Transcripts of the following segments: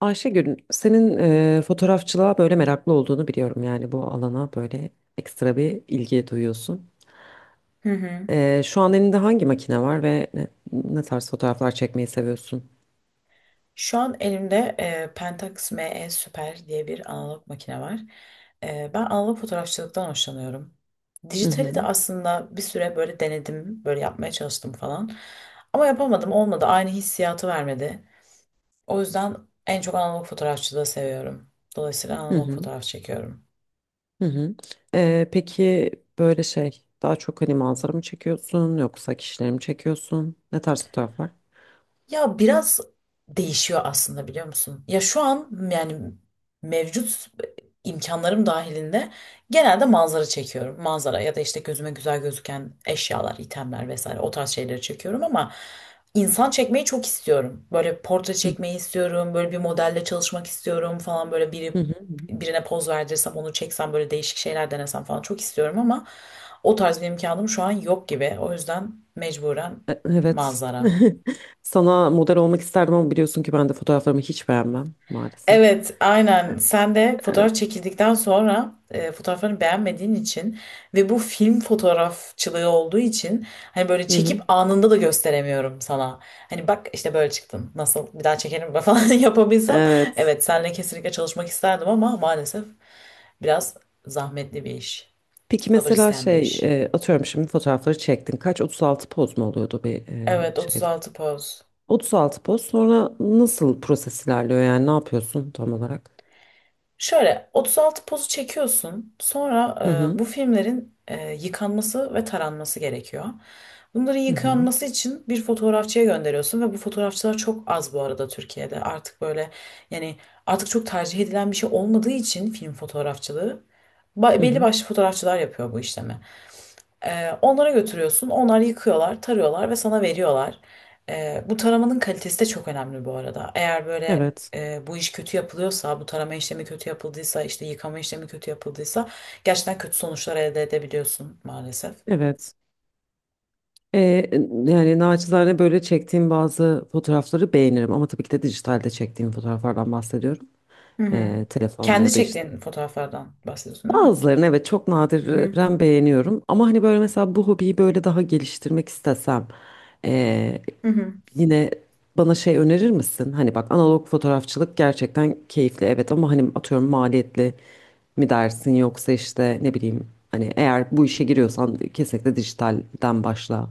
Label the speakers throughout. Speaker 1: Ayşegül, senin fotoğrafçılığa böyle meraklı olduğunu biliyorum. Yani bu alana böyle ekstra bir ilgi duyuyorsun.
Speaker 2: Hı hı.
Speaker 1: Şu an elinde hangi makine var ve ne tarz fotoğraflar çekmeyi seviyorsun?
Speaker 2: Şu an elimde Pentax ME Super diye bir analog makine var. Ben analog fotoğrafçılıktan hoşlanıyorum.
Speaker 1: Hı
Speaker 2: Dijitali de
Speaker 1: hı,
Speaker 2: aslında bir süre böyle denedim, böyle yapmaya çalıştım falan. Ama yapamadım, olmadı. Aynı hissiyatı vermedi. O yüzden en çok analog fotoğrafçılığı seviyorum. Dolayısıyla
Speaker 1: hı
Speaker 2: analog
Speaker 1: hı,
Speaker 2: fotoğraf çekiyorum.
Speaker 1: hı hı. Peki böyle daha çok hani manzara mı çekiyorsun yoksa kişileri mi çekiyorsun? Ne tarz fotoğraflar?
Speaker 2: Ya biraz değişiyor aslında, biliyor musun? Ya şu an yani mevcut imkanlarım dahilinde genelde manzara çekiyorum. Manzara ya da işte gözüme güzel gözüken eşyalar, itemler vesaire o tarz şeyleri çekiyorum ama insan çekmeyi çok istiyorum. Böyle portre
Speaker 1: Hı hı,
Speaker 2: çekmeyi istiyorum, böyle bir modelle çalışmak istiyorum falan, böyle
Speaker 1: hı
Speaker 2: biri
Speaker 1: hı.
Speaker 2: birine poz verdirsem onu çeksem böyle değişik şeyler denesem falan çok istiyorum ama o tarz bir imkanım şu an yok gibi. O yüzden mecburen
Speaker 1: Evet.
Speaker 2: manzara.
Speaker 1: Sana model olmak isterdim ama biliyorsun ki ben de fotoğraflarımı hiç beğenmem maalesef.
Speaker 2: Evet, aynen. Sen de
Speaker 1: Evet.
Speaker 2: fotoğraf çekildikten sonra fotoğraflarını beğenmediğin için ve bu film fotoğrafçılığı olduğu için hani böyle
Speaker 1: Hı
Speaker 2: çekip
Speaker 1: hı.
Speaker 2: anında da gösteremiyorum sana. Hani bak işte böyle çıktın. Nasıl bir daha çekelim falan yapabilsem.
Speaker 1: Evet.
Speaker 2: Evet, seninle kesinlikle çalışmak isterdim ama maalesef biraz zahmetli bir iş.
Speaker 1: Peki
Speaker 2: Sabır
Speaker 1: mesela
Speaker 2: isteyen bir iş.
Speaker 1: atıyorum şimdi fotoğrafları çektin. Kaç 36 poz mu oluyordu bir
Speaker 2: Evet,
Speaker 1: şeyde?
Speaker 2: 36 poz.
Speaker 1: 36 poz sonra nasıl proses ilerliyor yani ne yapıyorsun tam olarak?
Speaker 2: Şöyle 36 pozu çekiyorsun. Sonra
Speaker 1: Hı hı.
Speaker 2: bu filmlerin yıkanması ve taranması gerekiyor. Bunların
Speaker 1: Hı hı.
Speaker 2: yıkanması için bir fotoğrafçıya gönderiyorsun ve bu fotoğrafçılar çok az bu arada Türkiye'de. Artık böyle, yani artık çok tercih edilen bir şey olmadığı için film fotoğrafçılığı
Speaker 1: Hı
Speaker 2: belli
Speaker 1: hı.
Speaker 2: başlı fotoğrafçılar yapıyor bu işlemi. Onlara götürüyorsun. Onlar yıkıyorlar, tarıyorlar ve sana veriyorlar. Bu taramanın kalitesi de çok önemli bu arada. Eğer böyle
Speaker 1: Evet.
Speaker 2: bu iş kötü yapılıyorsa, bu tarama işlemi kötü yapıldıysa, işte yıkama işlemi kötü yapıldıysa gerçekten kötü sonuçlar elde edebiliyorsun maalesef.
Speaker 1: Evet. E, Yani naçizane böyle çektiğim bazı fotoğrafları beğenirim ama tabii ki de dijitalde çektiğim fotoğraflardan bahsediyorum.
Speaker 2: Hı hı.
Speaker 1: Telefonla
Speaker 2: Kendi
Speaker 1: ya da işte.
Speaker 2: çektiğin fotoğraflardan bahsediyorsun, değil mi?
Speaker 1: Bazılarını evet çok
Speaker 2: Hı hı.
Speaker 1: nadiren beğeniyorum ama hani böyle mesela bu hobiyi böyle daha geliştirmek istesem e,
Speaker 2: Hı hı.
Speaker 1: yine bana şey önerir misin? Hani bak analog fotoğrafçılık gerçekten keyifli evet ama hani atıyorum maliyetli mi dersin yoksa işte ne bileyim hani eğer bu işe giriyorsan kesinlikle dijitalden başla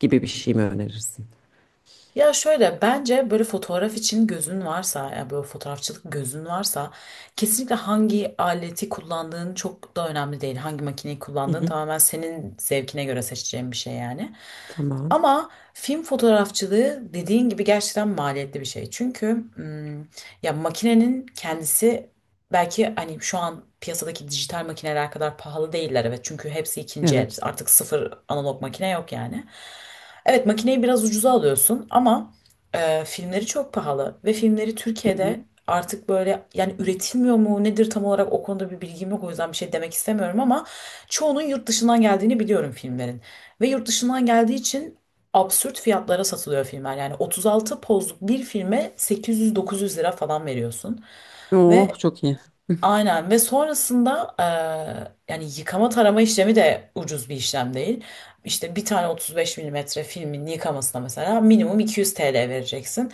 Speaker 1: gibi bir şey mi önerirsin?
Speaker 2: Ya şöyle, bence böyle fotoğraf için gözün varsa, ya böyle fotoğrafçılık gözün varsa kesinlikle hangi aleti kullandığın çok da önemli değil. Hangi makineyi
Speaker 1: Hı
Speaker 2: kullandığın
Speaker 1: hı.
Speaker 2: tamamen senin zevkine göre seçeceğin bir şey yani.
Speaker 1: Tamam.
Speaker 2: Ama film fotoğrafçılığı dediğin gibi gerçekten maliyetli bir şey. Çünkü ya makinenin kendisi belki hani şu an piyasadaki dijital makineler kadar pahalı değiller, evet. Çünkü hepsi ikinci el.
Speaker 1: Evet.
Speaker 2: Artık sıfır analog makine yok yani. Evet, makineyi biraz ucuza alıyorsun ama filmleri çok pahalı ve filmleri
Speaker 1: Hı hı.
Speaker 2: Türkiye'de artık böyle, yani üretilmiyor mu nedir tam olarak, o konuda bir bilgim yok, o yüzden bir şey demek istemiyorum ama çoğunun yurt dışından geldiğini biliyorum filmlerin ve yurt dışından geldiği için absürt fiyatlara satılıyor filmler, yani 36 pozluk bir filme 800-900 lira falan veriyorsun
Speaker 1: Oh
Speaker 2: ve
Speaker 1: çok iyi.
Speaker 2: aynen, ve sonrasında yani yıkama tarama işlemi de ucuz bir işlem değil. İşte bir tane 35 milimetre filmin yıkamasına mesela minimum 200 TL vereceksin.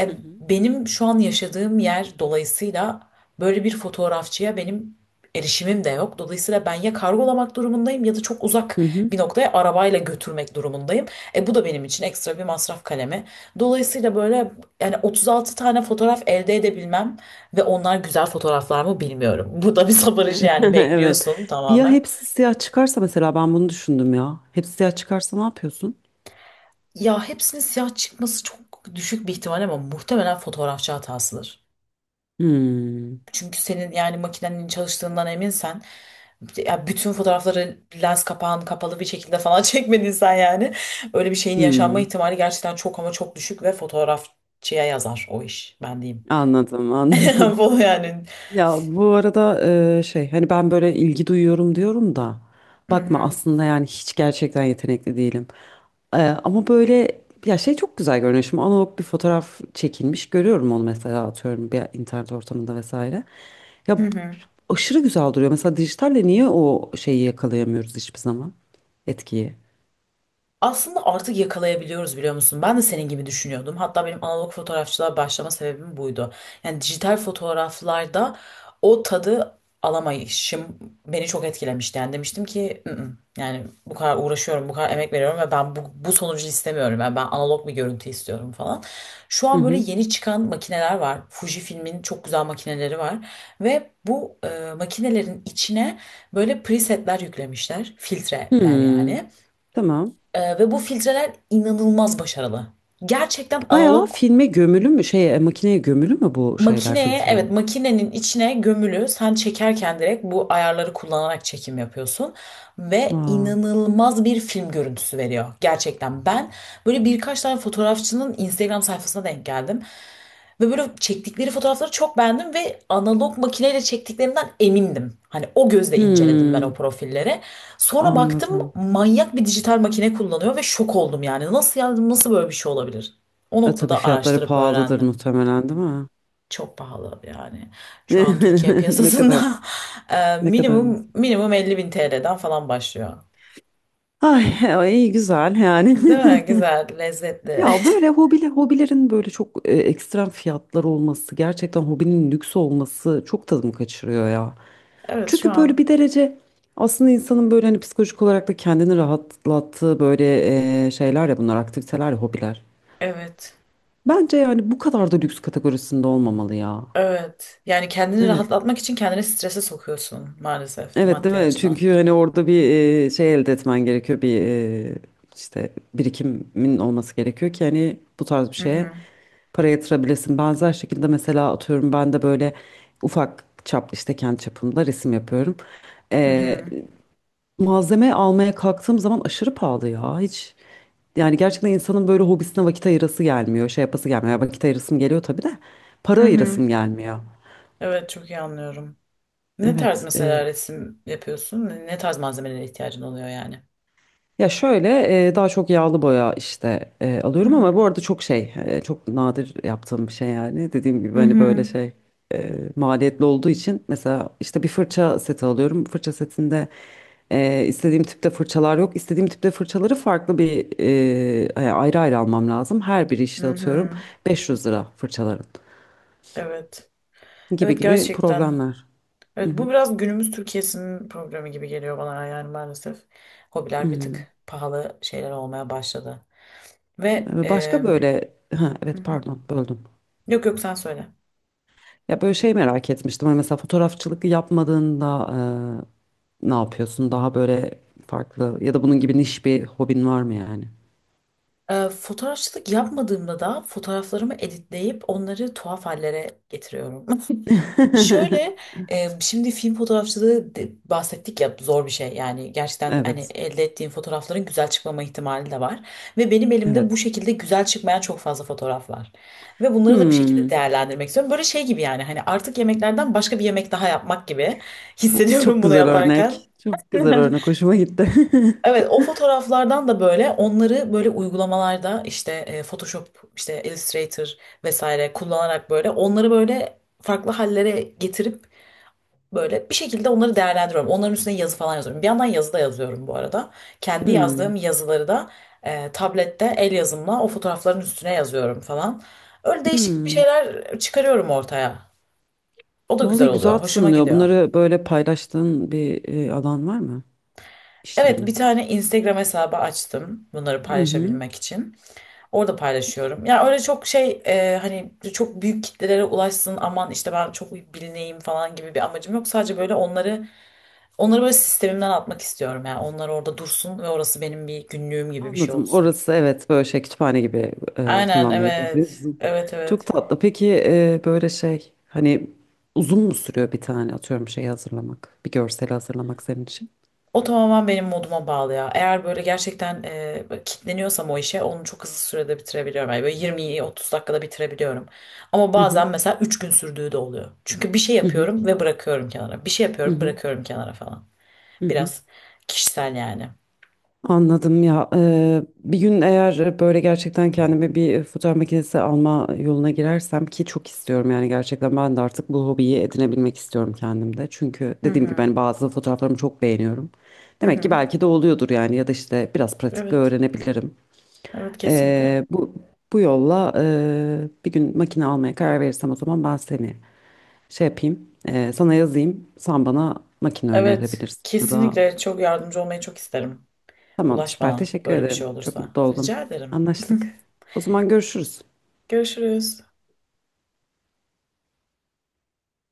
Speaker 2: E,
Speaker 1: Hı hı.
Speaker 2: benim şu an yaşadığım yer dolayısıyla böyle bir fotoğrafçıya benim erişimim de yok. Dolayısıyla ben ya kargolamak durumundayım ya da çok uzak
Speaker 1: Hı hı.
Speaker 2: bir noktaya arabayla götürmek durumundayım. Bu da benim için ekstra bir masraf kalemi. Dolayısıyla böyle, yani 36 tane fotoğraf elde edebilmem ve onlar güzel fotoğraflar mı bilmiyorum. Bu da bir sabır işi yani,
Speaker 1: Evet.
Speaker 2: bekliyorsun
Speaker 1: Bir ya
Speaker 2: tamamen.
Speaker 1: hepsi siyah çıkarsa mesela ben bunu düşündüm ya. Hepsi siyah çıkarsa ne yapıyorsun?
Speaker 2: Ya hepsinin siyah çıkması çok düşük bir ihtimal ama muhtemelen fotoğrafçı hatasıdır.
Speaker 1: Hmm.
Speaker 2: Çünkü senin yani makinenin çalıştığından eminsen, ya bütün fotoğrafları lens kapağın kapalı bir şekilde falan çekmediysen, yani öyle bir şeyin yaşanma
Speaker 1: Hmm.
Speaker 2: ihtimali gerçekten çok ama çok düşük ve fotoğrafçıya yazar o iş, ben diyeyim.
Speaker 1: Anladım, anladım.
Speaker 2: Bu yani.
Speaker 1: Ya bu arada şey hani ben böyle ilgi duyuyorum diyorum da
Speaker 2: Hı
Speaker 1: bakma
Speaker 2: hı.
Speaker 1: aslında yani hiç gerçekten yetenekli değilim. Ama böyle ya şey çok güzel görünüyor. Şimdi analog bir fotoğraf çekilmiş görüyorum onu mesela atıyorum bir internet ortamında vesaire.
Speaker 2: Hı
Speaker 1: Ya
Speaker 2: hı.
Speaker 1: aşırı güzel duruyor. Mesela dijitalle niye o şeyi yakalayamıyoruz hiçbir zaman etkiyi?
Speaker 2: Aslında artık yakalayabiliyoruz, biliyor musun? Ben de senin gibi düşünüyordum. Hatta benim analog fotoğrafçılığa başlama sebebim buydu. Yani dijital fotoğraflarda o tadı alamayışım beni çok etkilemişti. Yani demiştim ki "Mm, mm." yani bu kadar uğraşıyorum, bu kadar emek veriyorum ve ben bu sonucu istemiyorum. Yani ben analog bir görüntü istiyorum falan. Şu
Speaker 1: Hı
Speaker 2: an böyle
Speaker 1: hı.
Speaker 2: yeni çıkan makineler var. Fujifilm'in çok güzel makineleri var. Ve bu makinelerin içine böyle presetler yüklemişler. Filtreler
Speaker 1: Hmm,
Speaker 2: yani.
Speaker 1: tamam.
Speaker 2: Ve bu filtreler inanılmaz başarılı. Gerçekten
Speaker 1: Bayağı
Speaker 2: analog
Speaker 1: filme gömülü mü makineye gömülü mü bu şeyler
Speaker 2: makineye,
Speaker 1: filtreler?
Speaker 2: evet, makinenin içine gömülü, sen çekerken direkt bu ayarları kullanarak çekim yapıyorsun. Ve
Speaker 1: Aa.
Speaker 2: inanılmaz bir film görüntüsü veriyor gerçekten. Ben böyle birkaç tane fotoğrafçının Instagram sayfasına denk geldim. Ve böyle çektikleri fotoğrafları çok beğendim ve analog makineyle çektiklerinden emindim. Hani o gözle inceledim ben o
Speaker 1: Hmm.
Speaker 2: profilleri. Sonra baktım
Speaker 1: Anladım.
Speaker 2: manyak bir dijital makine kullanıyor ve şok oldum yani. Nasıl yani, nasıl böyle bir şey olabilir? O
Speaker 1: E tabii
Speaker 2: noktada
Speaker 1: fiyatları
Speaker 2: araştırıp
Speaker 1: pahalıdır
Speaker 2: öğrendim.
Speaker 1: muhtemelen değil mi?
Speaker 2: Çok pahalı yani. Şu an Türkiye
Speaker 1: Ne kadar
Speaker 2: piyasasında
Speaker 1: ne kadar
Speaker 2: minimum
Speaker 1: mısın?
Speaker 2: minimum 50 bin TL'den falan başlıyor.
Speaker 1: Ay, ay, iyi güzel yani.
Speaker 2: Değil mi? Güzel, lezzetli.
Speaker 1: Ya böyle hobilerin böyle çok ekstrem fiyatlar olması, gerçekten hobinin lüks olması çok tadımı kaçırıyor ya.
Speaker 2: Evet şu
Speaker 1: Çünkü böyle bir
Speaker 2: an,
Speaker 1: derece aslında insanın böyle hani psikolojik olarak da kendini rahatlattığı böyle şeyler ya bunlar aktiviteler ya hobiler.
Speaker 2: evet.
Speaker 1: Bence yani bu kadar da lüks kategorisinde olmamalı ya.
Speaker 2: Evet. Yani kendini
Speaker 1: Evet.
Speaker 2: rahatlatmak için kendini strese sokuyorsun, maalesef
Speaker 1: Evet değil
Speaker 2: maddi
Speaker 1: mi?
Speaker 2: açıdan.
Speaker 1: Çünkü hani orada bir şey elde etmen gerekiyor. Bir işte birikimin olması gerekiyor ki hani bu tarz bir
Speaker 2: Hı
Speaker 1: şeye
Speaker 2: hı.
Speaker 1: para yatırabilesin. Benzer şekilde mesela atıyorum ben de böyle ufak çap işte kendi çapımda resim yapıyorum.
Speaker 2: Hı
Speaker 1: E,
Speaker 2: hı.
Speaker 1: Malzeme almaya kalktığım zaman aşırı pahalı ya. Hiç yani gerçekten insanın böyle hobisine vakit ayırası gelmiyor. Şey yapası gelmiyor. Ya vakit ayırasım geliyor tabii de
Speaker 2: Hı
Speaker 1: para
Speaker 2: hı.
Speaker 1: ayırasım gelmiyor.
Speaker 2: Evet, çok iyi anlıyorum. Ne tarz
Speaker 1: Evet.
Speaker 2: mesela resim yapıyorsun? Ne tarz malzemelere ihtiyacın oluyor yani?
Speaker 1: Ya şöyle daha çok yağlı boya işte
Speaker 2: Hı
Speaker 1: alıyorum ama
Speaker 2: hı.
Speaker 1: bu arada çok çok nadir yaptığım bir şey yani dediğim gibi
Speaker 2: Hı
Speaker 1: hani böyle
Speaker 2: hı.
Speaker 1: maliyetli olduğu için mesela işte bir fırça seti alıyorum fırça setinde istediğim tipte fırçalar yok istediğim tipte fırçaları farklı ayrı ayrı almam lazım her biri işte
Speaker 2: Hı
Speaker 1: atıyorum
Speaker 2: hı.
Speaker 1: 500 lira fırçaların
Speaker 2: Evet.
Speaker 1: gibi
Speaker 2: Evet,
Speaker 1: gibi
Speaker 2: gerçekten.
Speaker 1: problemler.
Speaker 2: Evet bu biraz günümüz Türkiye'sinin problemi gibi geliyor bana, yani maalesef. Hobiler bir
Speaker 1: Hmm.
Speaker 2: tık pahalı şeyler olmaya başladı. Ve
Speaker 1: Başka böyle
Speaker 2: Hı
Speaker 1: evet
Speaker 2: hı.
Speaker 1: pardon böldüm.
Speaker 2: Yok yok, sen söyle.
Speaker 1: Ya böyle şey merak etmiştim. Hani mesela fotoğrafçılık yapmadığında ne yapıyorsun? Daha böyle farklı ya da bunun gibi niş bir hobin var mı yani?
Speaker 2: Fotoğrafçılık yapmadığımda da fotoğraflarımı editleyip onları tuhaf hallere getiriyorum. Şöyle şimdi film fotoğrafçılığı bahsettik ya, zor bir şey yani, gerçekten, hani
Speaker 1: Evet.
Speaker 2: elde ettiğim fotoğrafların güzel çıkmama ihtimali de var ve benim elimde bu
Speaker 1: Evet.
Speaker 2: şekilde güzel çıkmayan çok fazla fotoğraf var ve bunları da bir şekilde
Speaker 1: Hmm.
Speaker 2: değerlendirmek istiyorum, böyle şey gibi yani, hani artık yemeklerden başka bir yemek daha yapmak gibi hissediyorum
Speaker 1: Çok
Speaker 2: bunu
Speaker 1: güzel
Speaker 2: yaparken.
Speaker 1: örnek. Çok güzel örnek. Hoşuma gitti.
Speaker 2: Evet, o fotoğraflardan da böyle onları böyle uygulamalarda işte Photoshop, işte Illustrator vesaire kullanarak böyle onları böyle farklı hallere getirip böyle bir şekilde onları değerlendiriyorum. Onların üstüne yazı falan yazıyorum. Bir yandan yazı da yazıyorum bu arada. Kendi
Speaker 1: Hmm.
Speaker 2: yazdığım yazıları da tablette el yazımla o fotoğrafların üstüne yazıyorum falan. Öyle değişik bir
Speaker 1: Hmm.
Speaker 2: şeyler çıkarıyorum ortaya. O da güzel
Speaker 1: Vallahi güzel
Speaker 2: oluyor. Hoşuma
Speaker 1: tınlıyor.
Speaker 2: gidiyor.
Speaker 1: Bunları böyle paylaştığın bir alan var mı
Speaker 2: Evet,
Speaker 1: işlerini?
Speaker 2: bir tane Instagram hesabı açtım bunları
Speaker 1: Hı hı.
Speaker 2: paylaşabilmek için. Orada paylaşıyorum. Ya öyle, çok şey, hani çok büyük kitlelere ulaşsın, aman işte ben çok bilineyim falan gibi bir amacım yok. Sadece böyle onları böyle sistemimden atmak istiyorum. Yani onlar orada dursun ve orası benim bir günlüğüm gibi bir şey
Speaker 1: Anladım.
Speaker 2: olsun.
Speaker 1: Orası evet böyle şey kütüphane gibi
Speaker 2: Aynen,
Speaker 1: kullanmayı tercih.
Speaker 2: evet. Evet,
Speaker 1: Çok
Speaker 2: evet.
Speaker 1: tatlı. Peki böyle şey hani uzun mu sürüyor bir tane atıyorum şeyi hazırlamak? Bir görseli hazırlamak senin için?
Speaker 2: O tamamen benim moduma bağlı ya. Eğer böyle gerçekten böyle kitleniyorsam o işe, onu çok hızlı sürede bitirebiliyorum. Yani böyle 20-30 dakikada bitirebiliyorum. Ama
Speaker 1: Hı hı.
Speaker 2: bazen mesela 3 gün sürdüğü de oluyor. Çünkü bir şey
Speaker 1: Hı hı.
Speaker 2: yapıyorum ve bırakıyorum kenara. Bir şey
Speaker 1: Hı
Speaker 2: yapıyorum,
Speaker 1: hı.
Speaker 2: bırakıyorum kenara falan.
Speaker 1: Hı hı.
Speaker 2: Biraz kişisel yani.
Speaker 1: Anladım ya. Bir gün eğer böyle gerçekten kendime bir fotoğraf makinesi alma yoluna girersem ki çok istiyorum yani gerçekten ben de artık bu hobiyi edinebilmek istiyorum kendimde. Çünkü
Speaker 2: Hı
Speaker 1: dediğim gibi
Speaker 2: hı.
Speaker 1: ben bazı fotoğraflarımı çok beğeniyorum.
Speaker 2: Hı
Speaker 1: Demek ki
Speaker 2: hı.
Speaker 1: belki de oluyordur yani ya da işte biraz pratikle
Speaker 2: Evet.
Speaker 1: öğrenebilirim.
Speaker 2: Evet kesinlikle.
Speaker 1: Bu bu yolla bir gün makine almaya karar verirsem o zaman ben seni şey yapayım, sana yazayım. Sen bana makine
Speaker 2: Evet.
Speaker 1: önerebilirsin ya da
Speaker 2: Kesinlikle çok yardımcı olmayı çok isterim.
Speaker 1: tamam,
Speaker 2: Ulaş
Speaker 1: süper.
Speaker 2: bana
Speaker 1: Teşekkür
Speaker 2: böyle bir
Speaker 1: ederim.
Speaker 2: şey
Speaker 1: Çok
Speaker 2: olursa.
Speaker 1: mutlu oldum.
Speaker 2: Rica ederim.
Speaker 1: Anlaştık. O zaman görüşürüz.
Speaker 2: Görüşürüz.